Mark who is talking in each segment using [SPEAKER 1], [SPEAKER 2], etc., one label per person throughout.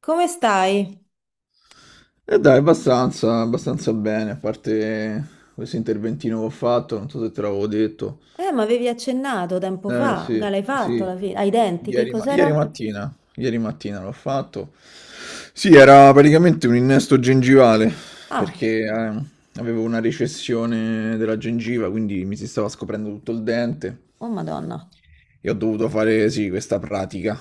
[SPEAKER 1] Come stai?
[SPEAKER 2] E dai, abbastanza, abbastanza bene, a parte questo interventino che ho fatto, non so se te l'avevo detto.
[SPEAKER 1] Ma avevi accennato tempo
[SPEAKER 2] Eh
[SPEAKER 1] fa, che
[SPEAKER 2] sì,
[SPEAKER 1] l'hai fatto
[SPEAKER 2] sì,
[SPEAKER 1] alla fine, ai denti, che cos'era?
[SPEAKER 2] ieri mattina l'ho fatto. Sì, era praticamente un innesto gengivale,
[SPEAKER 1] Ah,
[SPEAKER 2] perché avevo una recessione della gengiva, quindi mi si stava scoprendo tutto il dente
[SPEAKER 1] oh Madonna.
[SPEAKER 2] e ho dovuto fare, sì, questa pratica.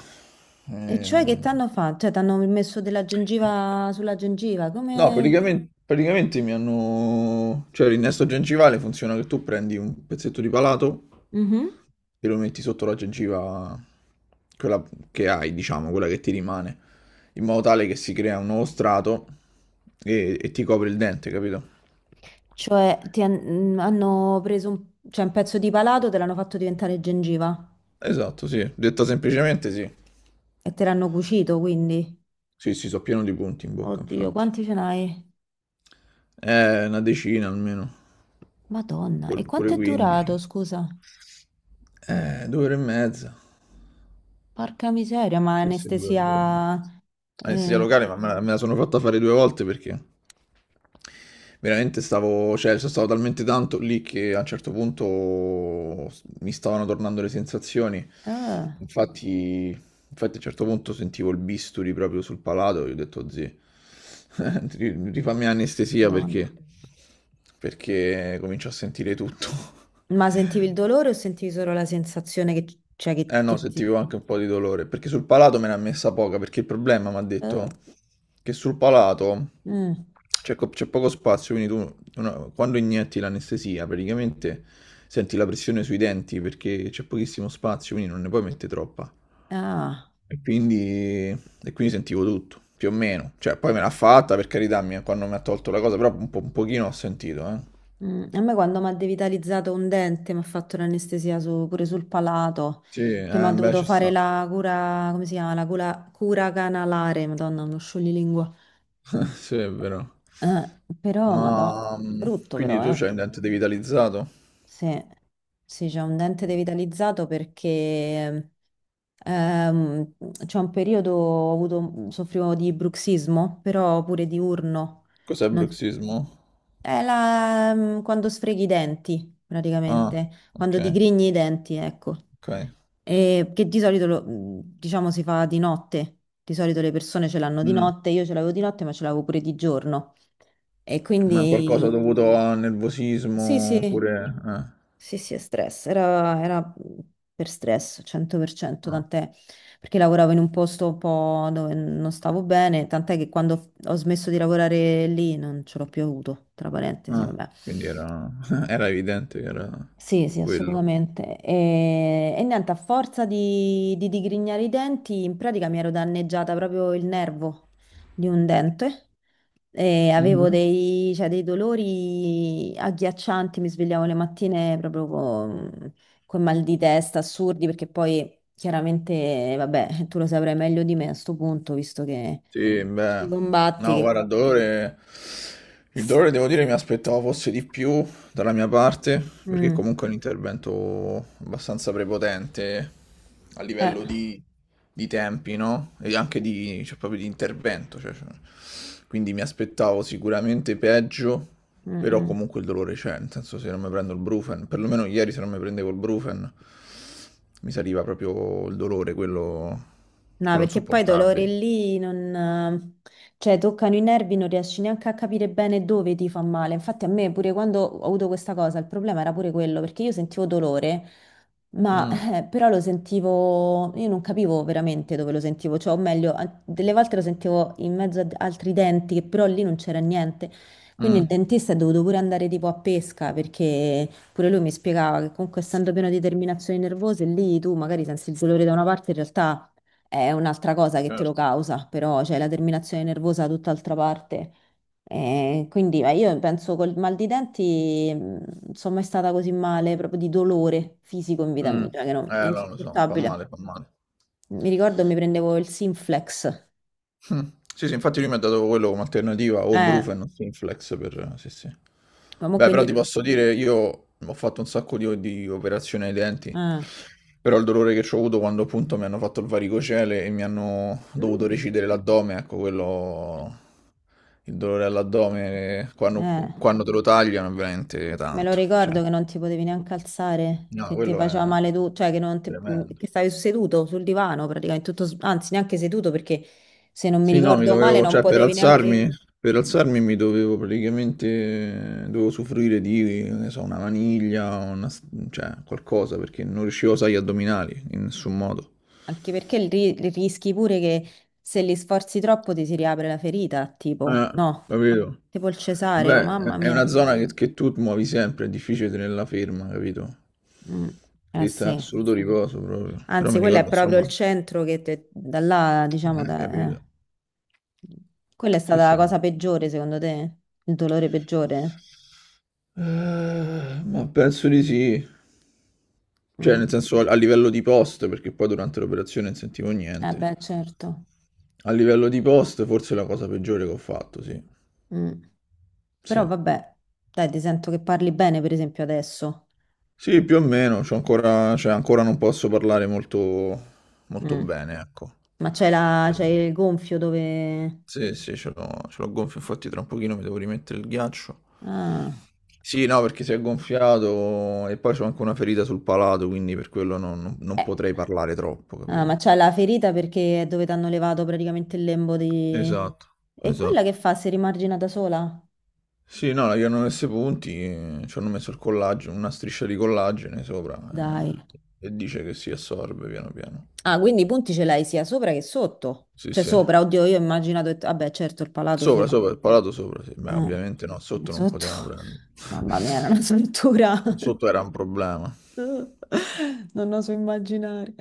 [SPEAKER 1] E cioè che
[SPEAKER 2] Eh,
[SPEAKER 1] t'hanno fatto? Cioè, t'hanno messo della gengiva sulla gengiva,
[SPEAKER 2] No,
[SPEAKER 1] come...
[SPEAKER 2] praticamente mi hanno... Cioè l'innesto gengivale funziona che tu prendi un pezzetto di palato
[SPEAKER 1] Mhm.
[SPEAKER 2] e lo metti sotto la gengiva, quella che hai, diciamo, quella che ti rimane, in modo tale che si crea un nuovo strato e ti copre il dente, capito?
[SPEAKER 1] Cioè, hanno preso un... cioè, un pezzo di palato, te l'hanno fatto diventare gengiva
[SPEAKER 2] Esatto, sì. Detta semplicemente sì.
[SPEAKER 1] e te l'hanno cucito, quindi.
[SPEAKER 2] Sì, sì, so pieno di punti in bocca,
[SPEAKER 1] Oddio,
[SPEAKER 2] infatti.
[SPEAKER 1] quanti ce n'hai?
[SPEAKER 2] Una decina almeno,
[SPEAKER 1] Madonna, e
[SPEAKER 2] pure
[SPEAKER 1] quanto è
[SPEAKER 2] 15.
[SPEAKER 1] durato, scusa?
[SPEAKER 2] 2 ore e mezza.
[SPEAKER 1] Porca miseria, ma
[SPEAKER 2] Sì, sì, due e
[SPEAKER 1] anestesia...
[SPEAKER 2] due. Anestesia
[SPEAKER 1] Eh,
[SPEAKER 2] locale, ma me la sono fatta fare 2 volte perché veramente stavo, cioè, sono stato talmente tanto lì che a un certo punto mi stavano tornando le sensazioni.
[SPEAKER 1] eh,
[SPEAKER 2] Infatti, Infatti a un certo punto sentivo il bisturi proprio sul palato e ho detto, zì, rifammi anestesia
[SPEAKER 1] Madonna.
[SPEAKER 2] perché comincio a sentire tutto.
[SPEAKER 1] Ma sentivi il dolore o sentivi solo la sensazione che, cioè, che,
[SPEAKER 2] Eh no,
[SPEAKER 1] che ti...
[SPEAKER 2] sentivo anche un po' di dolore, perché sul palato me ne ha messa poca, perché il problema mi ha
[SPEAKER 1] eh,
[SPEAKER 2] detto che sul palato
[SPEAKER 1] mm,
[SPEAKER 2] c'è poco spazio, quindi quando inietti l'anestesia praticamente senti la pressione sui denti perché c'è pochissimo spazio, quindi non ne puoi mettere troppa.
[SPEAKER 1] ah,
[SPEAKER 2] E quindi, e quindi sentivo tutto, più o meno. Cioè, poi me l'ha fatta, per carità, quando mi ha tolto la cosa, però un po', un pochino ho sentito, eh.
[SPEAKER 1] mm. A me quando mi ha devitalizzato un dente, mi ha fatto l'anestesia su- pure sul palato,
[SPEAKER 2] Sì,
[SPEAKER 1] che mi ha
[SPEAKER 2] beh,
[SPEAKER 1] dovuto
[SPEAKER 2] ci
[SPEAKER 1] fare
[SPEAKER 2] sta.
[SPEAKER 1] la cura, come si chiama? La cura, cura canalare, madonna, uno scioglilingua.
[SPEAKER 2] Sì, è vero.
[SPEAKER 1] Però, madò,
[SPEAKER 2] Ma
[SPEAKER 1] brutto
[SPEAKER 2] quindi
[SPEAKER 1] però,
[SPEAKER 2] tu
[SPEAKER 1] eh.
[SPEAKER 2] c'hai un dente devitalizzato?
[SPEAKER 1] Sì, sì, c'è un dente devitalizzato perché... Ehm, c'è un periodo ho avuto, soffrivo di bruxismo, però pure diurno.
[SPEAKER 2] Cos'è
[SPEAKER 1] Non-
[SPEAKER 2] bruxismo?
[SPEAKER 1] quando sfreghi i denti,
[SPEAKER 2] Ah,
[SPEAKER 1] praticamente,
[SPEAKER 2] ok,
[SPEAKER 1] quando digrigni i denti, ecco.
[SPEAKER 2] ok.
[SPEAKER 1] E che di solito, diciamo, si fa di notte. Di solito le persone ce l'hanno di
[SPEAKER 2] Mm,
[SPEAKER 1] notte, io ce l'avevo di notte, ma ce l'avevo pure di giorno. E
[SPEAKER 2] ma qualcosa
[SPEAKER 1] quindi
[SPEAKER 2] dovuto a
[SPEAKER 1] sì, sì,
[SPEAKER 2] nervosismo oppure... eh,
[SPEAKER 1] sì, sì, è stress, era per stress, 100%,
[SPEAKER 2] ah,
[SPEAKER 1] tant'è perché lavoravo in un posto un po' dove non stavo bene, tant'è che quando ho smesso di lavorare lì non ce l'ho più avuto, tra parentesi,
[SPEAKER 2] ah,
[SPEAKER 1] vabbè.
[SPEAKER 2] quindi era evidente che era
[SPEAKER 1] Sì, sì,
[SPEAKER 2] quello.
[SPEAKER 1] assolutamente. E niente, a forza di digrignare i denti, in pratica mi ero danneggiata proprio il nervo di un dente e avevo dei, cioè, dei dolori agghiaccianti, mi svegliavo le mattine proprio con mal di testa assurdi, perché poi chiaramente, vabbè, tu lo saprai meglio di me a sto punto, visto che
[SPEAKER 2] Sì,
[SPEAKER 1] ci
[SPEAKER 2] beh,
[SPEAKER 1] combatti,
[SPEAKER 2] no,
[SPEAKER 1] che...
[SPEAKER 2] guarda,
[SPEAKER 1] co-
[SPEAKER 2] il dolore devo dire mi aspettavo fosse di più dalla mia parte, perché
[SPEAKER 1] Mm,
[SPEAKER 2] comunque è un intervento abbastanza prepotente a
[SPEAKER 1] eh,
[SPEAKER 2] livello di tempi, no? E anche di, cioè, proprio di intervento, cioè, quindi mi aspettavo sicuramente peggio,
[SPEAKER 1] mm,
[SPEAKER 2] però
[SPEAKER 1] mm.
[SPEAKER 2] comunque il dolore c'è, nel senso se non mi prendo il Brufen, perlomeno ieri se non mi prendevo il Brufen, mi saliva proprio il dolore, quello,
[SPEAKER 1] No,
[SPEAKER 2] quello
[SPEAKER 1] perché poi i dolori
[SPEAKER 2] insopportabile.
[SPEAKER 1] lì non, cioè, toccano i nervi, non riesci neanche a capire bene dove ti fa male. Infatti a me pure quando ho avuto questa cosa, il problema era pure quello, perché io sentivo dolore, ma
[SPEAKER 2] Mm.
[SPEAKER 1] però lo sentivo, io non capivo veramente dove lo sentivo, cioè, o meglio, a- delle volte lo sentivo in mezzo ad altri denti, che però lì non c'era niente. Quindi il
[SPEAKER 2] Mh,
[SPEAKER 1] dentista è dovuto pure andare tipo a pesca, perché pure lui mi spiegava che comunque essendo pieno di terminazioni nervose, lì tu magari senti il dolore da una parte, in realtà è un'altra cosa che te lo
[SPEAKER 2] certo.
[SPEAKER 1] causa, però c'è la terminazione nervosa da tutt'altra parte. Quindi io penso col mal di denti non sono mai stata così male, proprio di dolore fisico in vita
[SPEAKER 2] Mh.
[SPEAKER 1] mia, cioè che no, è
[SPEAKER 2] No, lo so, fa
[SPEAKER 1] insopportabile.
[SPEAKER 2] male, fa male.
[SPEAKER 1] Mi ricordo mi prendevo il Sinflex,
[SPEAKER 2] Mh. Sì, sì, infatti lui mi ha dato quello come alternativa, o il
[SPEAKER 1] eh,
[SPEAKER 2] Brufen o Synflex per sì, sì.
[SPEAKER 1] ma mo
[SPEAKER 2] Beh, però
[SPEAKER 1] quindi...
[SPEAKER 2] ti posso dire, io ho fatto un sacco di operazioni ai denti,
[SPEAKER 1] Eh.
[SPEAKER 2] però il dolore che c'ho avuto quando appunto mi hanno fatto il varicocele e mi hanno dovuto
[SPEAKER 1] Mm.
[SPEAKER 2] recidere l'addome, ecco quello, il dolore all'addome quando
[SPEAKER 1] Eh.
[SPEAKER 2] te lo tagliano è veramente
[SPEAKER 1] Me lo
[SPEAKER 2] tanto, cioè
[SPEAKER 1] ricordo che non ti potevi neanche alzare,
[SPEAKER 2] no,
[SPEAKER 1] che ti
[SPEAKER 2] quello
[SPEAKER 1] faceva
[SPEAKER 2] è
[SPEAKER 1] male tu, cioè che, non ti- mm,
[SPEAKER 2] tremendo.
[SPEAKER 1] che stavi seduto sul divano praticamente, tutto, s- anzi neanche seduto perché se non mi
[SPEAKER 2] Sì, no, mi
[SPEAKER 1] ricordo male
[SPEAKER 2] dovevo,
[SPEAKER 1] non
[SPEAKER 2] cioè
[SPEAKER 1] potevi neanche,
[SPEAKER 2] per alzarmi mi dovevo praticamente, dovevo usufruire di, che ne so, una maniglia, cioè qualcosa, perché non riuscivo a usare gli addominali in nessun modo.
[SPEAKER 1] anche perché il ri- il rischi pure che se li sforzi troppo ti si riapre la ferita, tipo,
[SPEAKER 2] Eh,
[SPEAKER 1] no,
[SPEAKER 2] capito?
[SPEAKER 1] tipo il cesareo,
[SPEAKER 2] Beh,
[SPEAKER 1] mamma
[SPEAKER 2] è una
[SPEAKER 1] mia.
[SPEAKER 2] zona che tu muovi sempre, è difficile tenerla ferma, capito?
[SPEAKER 1] Mm, Eh
[SPEAKER 2] Devi stare
[SPEAKER 1] sì,
[SPEAKER 2] assoluto riposo proprio. Però
[SPEAKER 1] anzi
[SPEAKER 2] mi
[SPEAKER 1] quello è
[SPEAKER 2] ricordo,
[SPEAKER 1] proprio il
[SPEAKER 2] insomma,
[SPEAKER 1] centro che te- da là, diciamo, da- eh.
[SPEAKER 2] capito?
[SPEAKER 1] Quella è
[SPEAKER 2] Sì,
[SPEAKER 1] stata la
[SPEAKER 2] sì, no.
[SPEAKER 1] cosa peggiore secondo te, il dolore peggiore?
[SPEAKER 2] Ma penso di sì. Cioè,
[SPEAKER 1] Mm.
[SPEAKER 2] nel senso a livello di post, perché poi durante l'operazione non sentivo
[SPEAKER 1] Eh
[SPEAKER 2] niente.
[SPEAKER 1] beh, certo.
[SPEAKER 2] A livello di post, forse è la cosa peggiore che ho fatto, sì.
[SPEAKER 1] Mm.
[SPEAKER 2] Sì,
[SPEAKER 1] Però vabbè, dai, ti sento che parli bene, per esempio, adesso.
[SPEAKER 2] sì, più o meno, c'ho ancora, cioè, ancora non posso parlare molto, molto
[SPEAKER 1] Mm.
[SPEAKER 2] bene, ecco.
[SPEAKER 1] Ma c'è la...
[SPEAKER 2] Eh,
[SPEAKER 1] c'è il gonfio dove...
[SPEAKER 2] Sì, sì, ce l'ho gonfio, infatti tra un pochino mi devo rimettere il ghiaccio.
[SPEAKER 1] Ah.
[SPEAKER 2] Sì, no, perché si è gonfiato e poi c'ho anche una ferita sul palato, quindi per quello non
[SPEAKER 1] Eh.
[SPEAKER 2] potrei parlare troppo,
[SPEAKER 1] Ah, ma
[SPEAKER 2] capito?
[SPEAKER 1] c'è la ferita perché è dove ti hanno levato praticamente il lembo di...
[SPEAKER 2] Esatto,
[SPEAKER 1] E quella che
[SPEAKER 2] esatto.
[SPEAKER 1] fa? Si rimargina da sola?
[SPEAKER 2] Sì, no, gli hanno messo i punti, ci hanno messo il collagene, una striscia di collagene sopra
[SPEAKER 1] Dai.
[SPEAKER 2] eh, e dice che si assorbe piano piano.
[SPEAKER 1] Ah, quindi i punti ce l'hai sia sopra che sotto.
[SPEAKER 2] Sì,
[SPEAKER 1] Cioè
[SPEAKER 2] sì.
[SPEAKER 1] sopra, oddio, io ho immaginato... Vabbè, certo, il palato
[SPEAKER 2] Sopra,
[SPEAKER 1] sopra.
[SPEAKER 2] sopra, il palato sopra, sì. Beh,
[SPEAKER 1] Eh.
[SPEAKER 2] ovviamente no, sotto non
[SPEAKER 1] Sotto?
[SPEAKER 2] potevano prendere.
[SPEAKER 1] Mamma mia, era una struttura.
[SPEAKER 2] Sotto era un problema.
[SPEAKER 1] Non oso immaginare.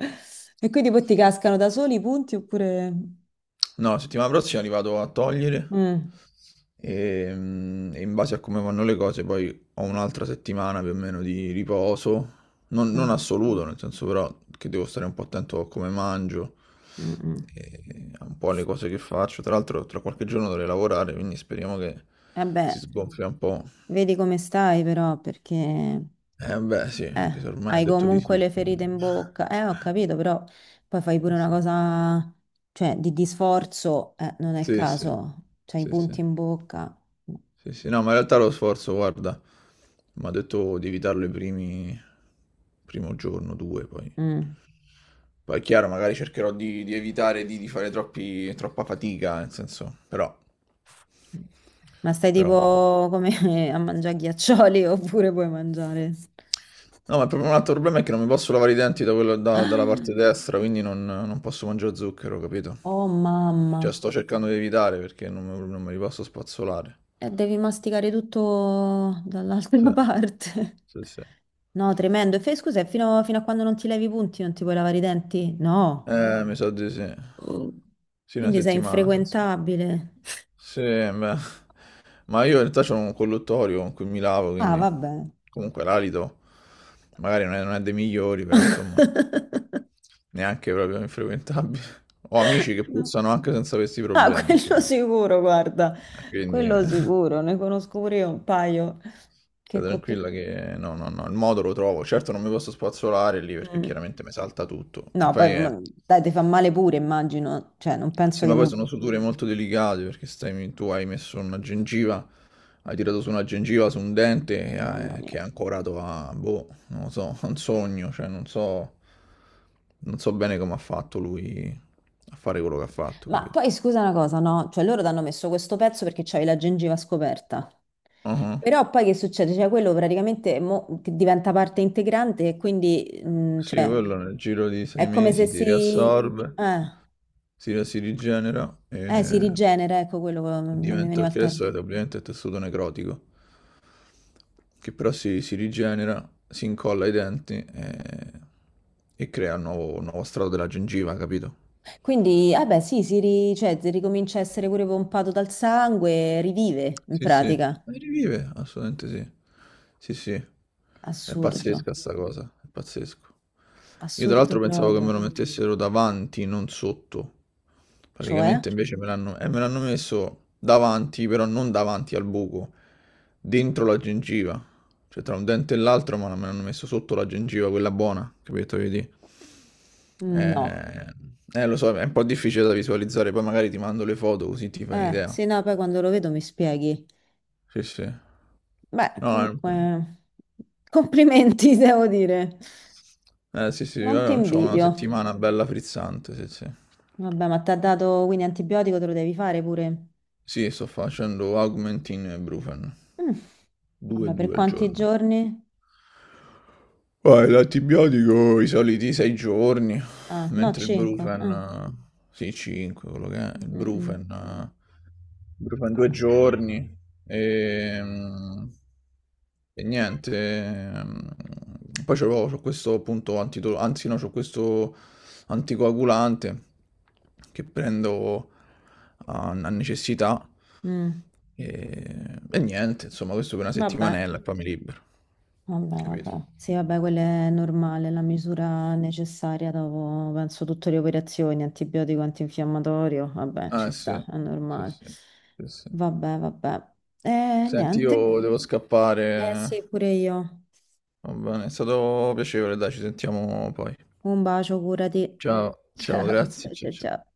[SPEAKER 1] E quindi poi ti cascano da soli i punti oppure...
[SPEAKER 2] No, la settimana prossima li vado a togliere
[SPEAKER 1] Mm,
[SPEAKER 2] e in base a come vanno le cose poi ho un'altra settimana più o meno di riposo, non
[SPEAKER 1] mm,
[SPEAKER 2] assoluto, nel senso però che devo stare un po' attento a come mangio,
[SPEAKER 1] mm, mm.
[SPEAKER 2] e a un po' alle cose che faccio. Tra l'altro tra qualche giorno dovrei lavorare, quindi speriamo che si
[SPEAKER 1] Vabbè,
[SPEAKER 2] sgonfia un po'.
[SPEAKER 1] vedi come stai però, perché
[SPEAKER 2] Eh beh sì, anche se ormai ho
[SPEAKER 1] hai
[SPEAKER 2] detto di
[SPEAKER 1] comunque
[SPEAKER 2] sì,
[SPEAKER 1] le ferite
[SPEAKER 2] quindi...
[SPEAKER 1] in bocca. Ho capito, però poi fai pure una cosa, cioè, di sforzo, non è il
[SPEAKER 2] Sì, sì,
[SPEAKER 1] caso. C'hai i
[SPEAKER 2] sì, sì.
[SPEAKER 1] punti in bocca.
[SPEAKER 2] Sì, sì, no, ma in realtà lo sforzo, guarda, mi ha detto di evitarlo primo giorno, due, poi.
[SPEAKER 1] Mm.
[SPEAKER 2] Poi è chiaro, magari cercherò di evitare di fare troppa fatica, nel senso,
[SPEAKER 1] Ma stai
[SPEAKER 2] però...
[SPEAKER 1] tipo come a mangiare ghiaccioli oppure puoi mangiare?
[SPEAKER 2] No, ma proprio un altro problema è che non mi posso lavare i denti dalla parte destra, quindi non posso mangiare zucchero, capito?
[SPEAKER 1] Oh mamma,
[SPEAKER 2] Cioè, sto cercando di evitare perché non me li posso spazzolare.
[SPEAKER 1] e devi masticare tutto dall'altra
[SPEAKER 2] Sì,
[SPEAKER 1] parte.
[SPEAKER 2] sì, sì.
[SPEAKER 1] No, tremendo. E fai scusa, e fino a quando non ti levi i punti non ti puoi lavare i denti? No,
[SPEAKER 2] Mi sa di sì.
[SPEAKER 1] Oh.
[SPEAKER 2] Sì, una
[SPEAKER 1] Quindi sei
[SPEAKER 2] settimana,
[SPEAKER 1] infrequentabile.
[SPEAKER 2] sì, beh. Ma io in realtà c'ho un colluttorio con cui mi lavo,
[SPEAKER 1] Ah,
[SPEAKER 2] quindi
[SPEAKER 1] vabbè.
[SPEAKER 2] comunque l'alito magari non è dei migliori, però insomma, neanche proprio infrequentabile. Ho amici che
[SPEAKER 1] No.
[SPEAKER 2] puzzano anche senza questi
[SPEAKER 1] Ah,
[SPEAKER 2] problemi,
[SPEAKER 1] quello
[SPEAKER 2] insomma.
[SPEAKER 1] sicuro, guarda,
[SPEAKER 2] Quindi
[SPEAKER 1] quello sicuro, ne conosco pure io un paio
[SPEAKER 2] stai
[SPEAKER 1] che con tut-
[SPEAKER 2] tranquilla che no, no, no, il modo lo trovo. Certo non mi posso spazzolare lì perché
[SPEAKER 1] Mm.
[SPEAKER 2] chiaramente mi salta tutto. E
[SPEAKER 1] No, poi
[SPEAKER 2] poi è
[SPEAKER 1] ma- dai, ti fa male pure, immagino, cioè non penso
[SPEAKER 2] Sì,
[SPEAKER 1] che...
[SPEAKER 2] ma poi
[SPEAKER 1] mo-
[SPEAKER 2] sono suture molto delicate perché stai, tu hai messo una gengiva, hai tirato su una gengiva su un dente
[SPEAKER 1] Mamma mia.
[SPEAKER 2] che è ancorato a, boh, non lo so, a un sogno, cioè non so bene come ha fatto lui a fare quello che ha fatto,
[SPEAKER 1] Ma
[SPEAKER 2] capito?
[SPEAKER 1] poi scusa una cosa, no? Cioè loro ti hanno messo questo pezzo perché c'hai la gengiva scoperta.
[SPEAKER 2] Ah,
[SPEAKER 1] Però poi che succede? Cioè quello praticamente mo- che diventa parte integrante e quindi
[SPEAKER 2] sì,
[SPEAKER 1] cioè,
[SPEAKER 2] quello nel giro di sei
[SPEAKER 1] è come se
[SPEAKER 2] mesi si
[SPEAKER 1] si...
[SPEAKER 2] riassorbe,
[SPEAKER 1] Eh,
[SPEAKER 2] si rigenera
[SPEAKER 1] si
[SPEAKER 2] e
[SPEAKER 1] rigenera, ecco quello, non mi
[SPEAKER 2] diventa,
[SPEAKER 1] veniva il
[SPEAKER 2] perché
[SPEAKER 1] termine.
[SPEAKER 2] adesso è ovviamente tessuto necrotico. Che però si rigenera, si incolla ai denti e crea un nuovo strato della gengiva, capito?
[SPEAKER 1] Quindi, eh beh, sì, si, ri- cioè, si ricomincia a essere pure pompato dal sangue, rivive in
[SPEAKER 2] Sì, sì,
[SPEAKER 1] pratica.
[SPEAKER 2] ma rivive, assolutamente sì. Sì, sì, è
[SPEAKER 1] Assurdo,
[SPEAKER 2] pazzesca sta cosa, è pazzesco. Io tra
[SPEAKER 1] assurdo
[SPEAKER 2] l'altro pensavo che me
[SPEAKER 1] proprio.
[SPEAKER 2] lo mettessero davanti, non sotto.
[SPEAKER 1] Cioè?
[SPEAKER 2] Praticamente invece me l'hanno messo davanti, però non davanti al buco, dentro la gengiva. Cioè tra un dente e l'altro, ma me l'hanno messo sotto la gengiva, quella buona, capito? Vedi?
[SPEAKER 1] Mm, No.
[SPEAKER 2] Eh, Lo so, è un po' difficile da visualizzare, poi magari ti mando le foto così ti fai un'idea.
[SPEAKER 1] Sì, no, poi quando lo vedo mi spieghi.
[SPEAKER 2] Sì, sì.
[SPEAKER 1] Beh,
[SPEAKER 2] No,
[SPEAKER 1] comunque, complimenti, devo dire.
[SPEAKER 2] sì, sì, io
[SPEAKER 1] Non ti
[SPEAKER 2] ho una
[SPEAKER 1] invidio.
[SPEAKER 2] settimana bella frizzante, sì, sì.
[SPEAKER 1] Vabbè, ma ti ha dato quindi antibiotico, te lo devi fare pure.
[SPEAKER 2] Sì, sto facendo Augmentin e Brufen,
[SPEAKER 1] Mm,
[SPEAKER 2] due e
[SPEAKER 1] Vabbè, per
[SPEAKER 2] due al
[SPEAKER 1] quanti
[SPEAKER 2] giorno.
[SPEAKER 1] giorni?
[SPEAKER 2] Poi l'antibiotico i soliti 6 giorni,
[SPEAKER 1] Ah, no,
[SPEAKER 2] mentre il
[SPEAKER 1] 5.
[SPEAKER 2] Brufen, sì, 5, quello che è, il Brufen, Brufen 2 giorni. Ehm, E, niente. Poi c'ho questo appunto anzi no, c'ho questo anticoagulante che prendo a necessità. E niente, insomma, questo per una
[SPEAKER 1] Vabbè,
[SPEAKER 2] settimanella e poi mi libero.
[SPEAKER 1] vabbè,
[SPEAKER 2] Capito?
[SPEAKER 1] vabbè. Sì, vabbè, quella è normale, la misura necessaria dopo, penso, tutte le operazioni, antibiotico, antinfiammatorio. Vabbè, ci
[SPEAKER 2] Ah, sì,
[SPEAKER 1] sta, è
[SPEAKER 2] sì,
[SPEAKER 1] normale.
[SPEAKER 2] sì, sì, sì.
[SPEAKER 1] Vabbè, vabbè.
[SPEAKER 2] Senti,
[SPEAKER 1] Niente.
[SPEAKER 2] io devo
[SPEAKER 1] Eh sì,
[SPEAKER 2] scappare.
[SPEAKER 1] pure io.
[SPEAKER 2] Va bene, è stato piacevole, dai, ci sentiamo poi.
[SPEAKER 1] Un bacio, curati.
[SPEAKER 2] Ciao, ciao,
[SPEAKER 1] Ciao,
[SPEAKER 2] grazie,
[SPEAKER 1] ciao,
[SPEAKER 2] ciao,
[SPEAKER 1] ciao,
[SPEAKER 2] ciao.
[SPEAKER 1] ciao.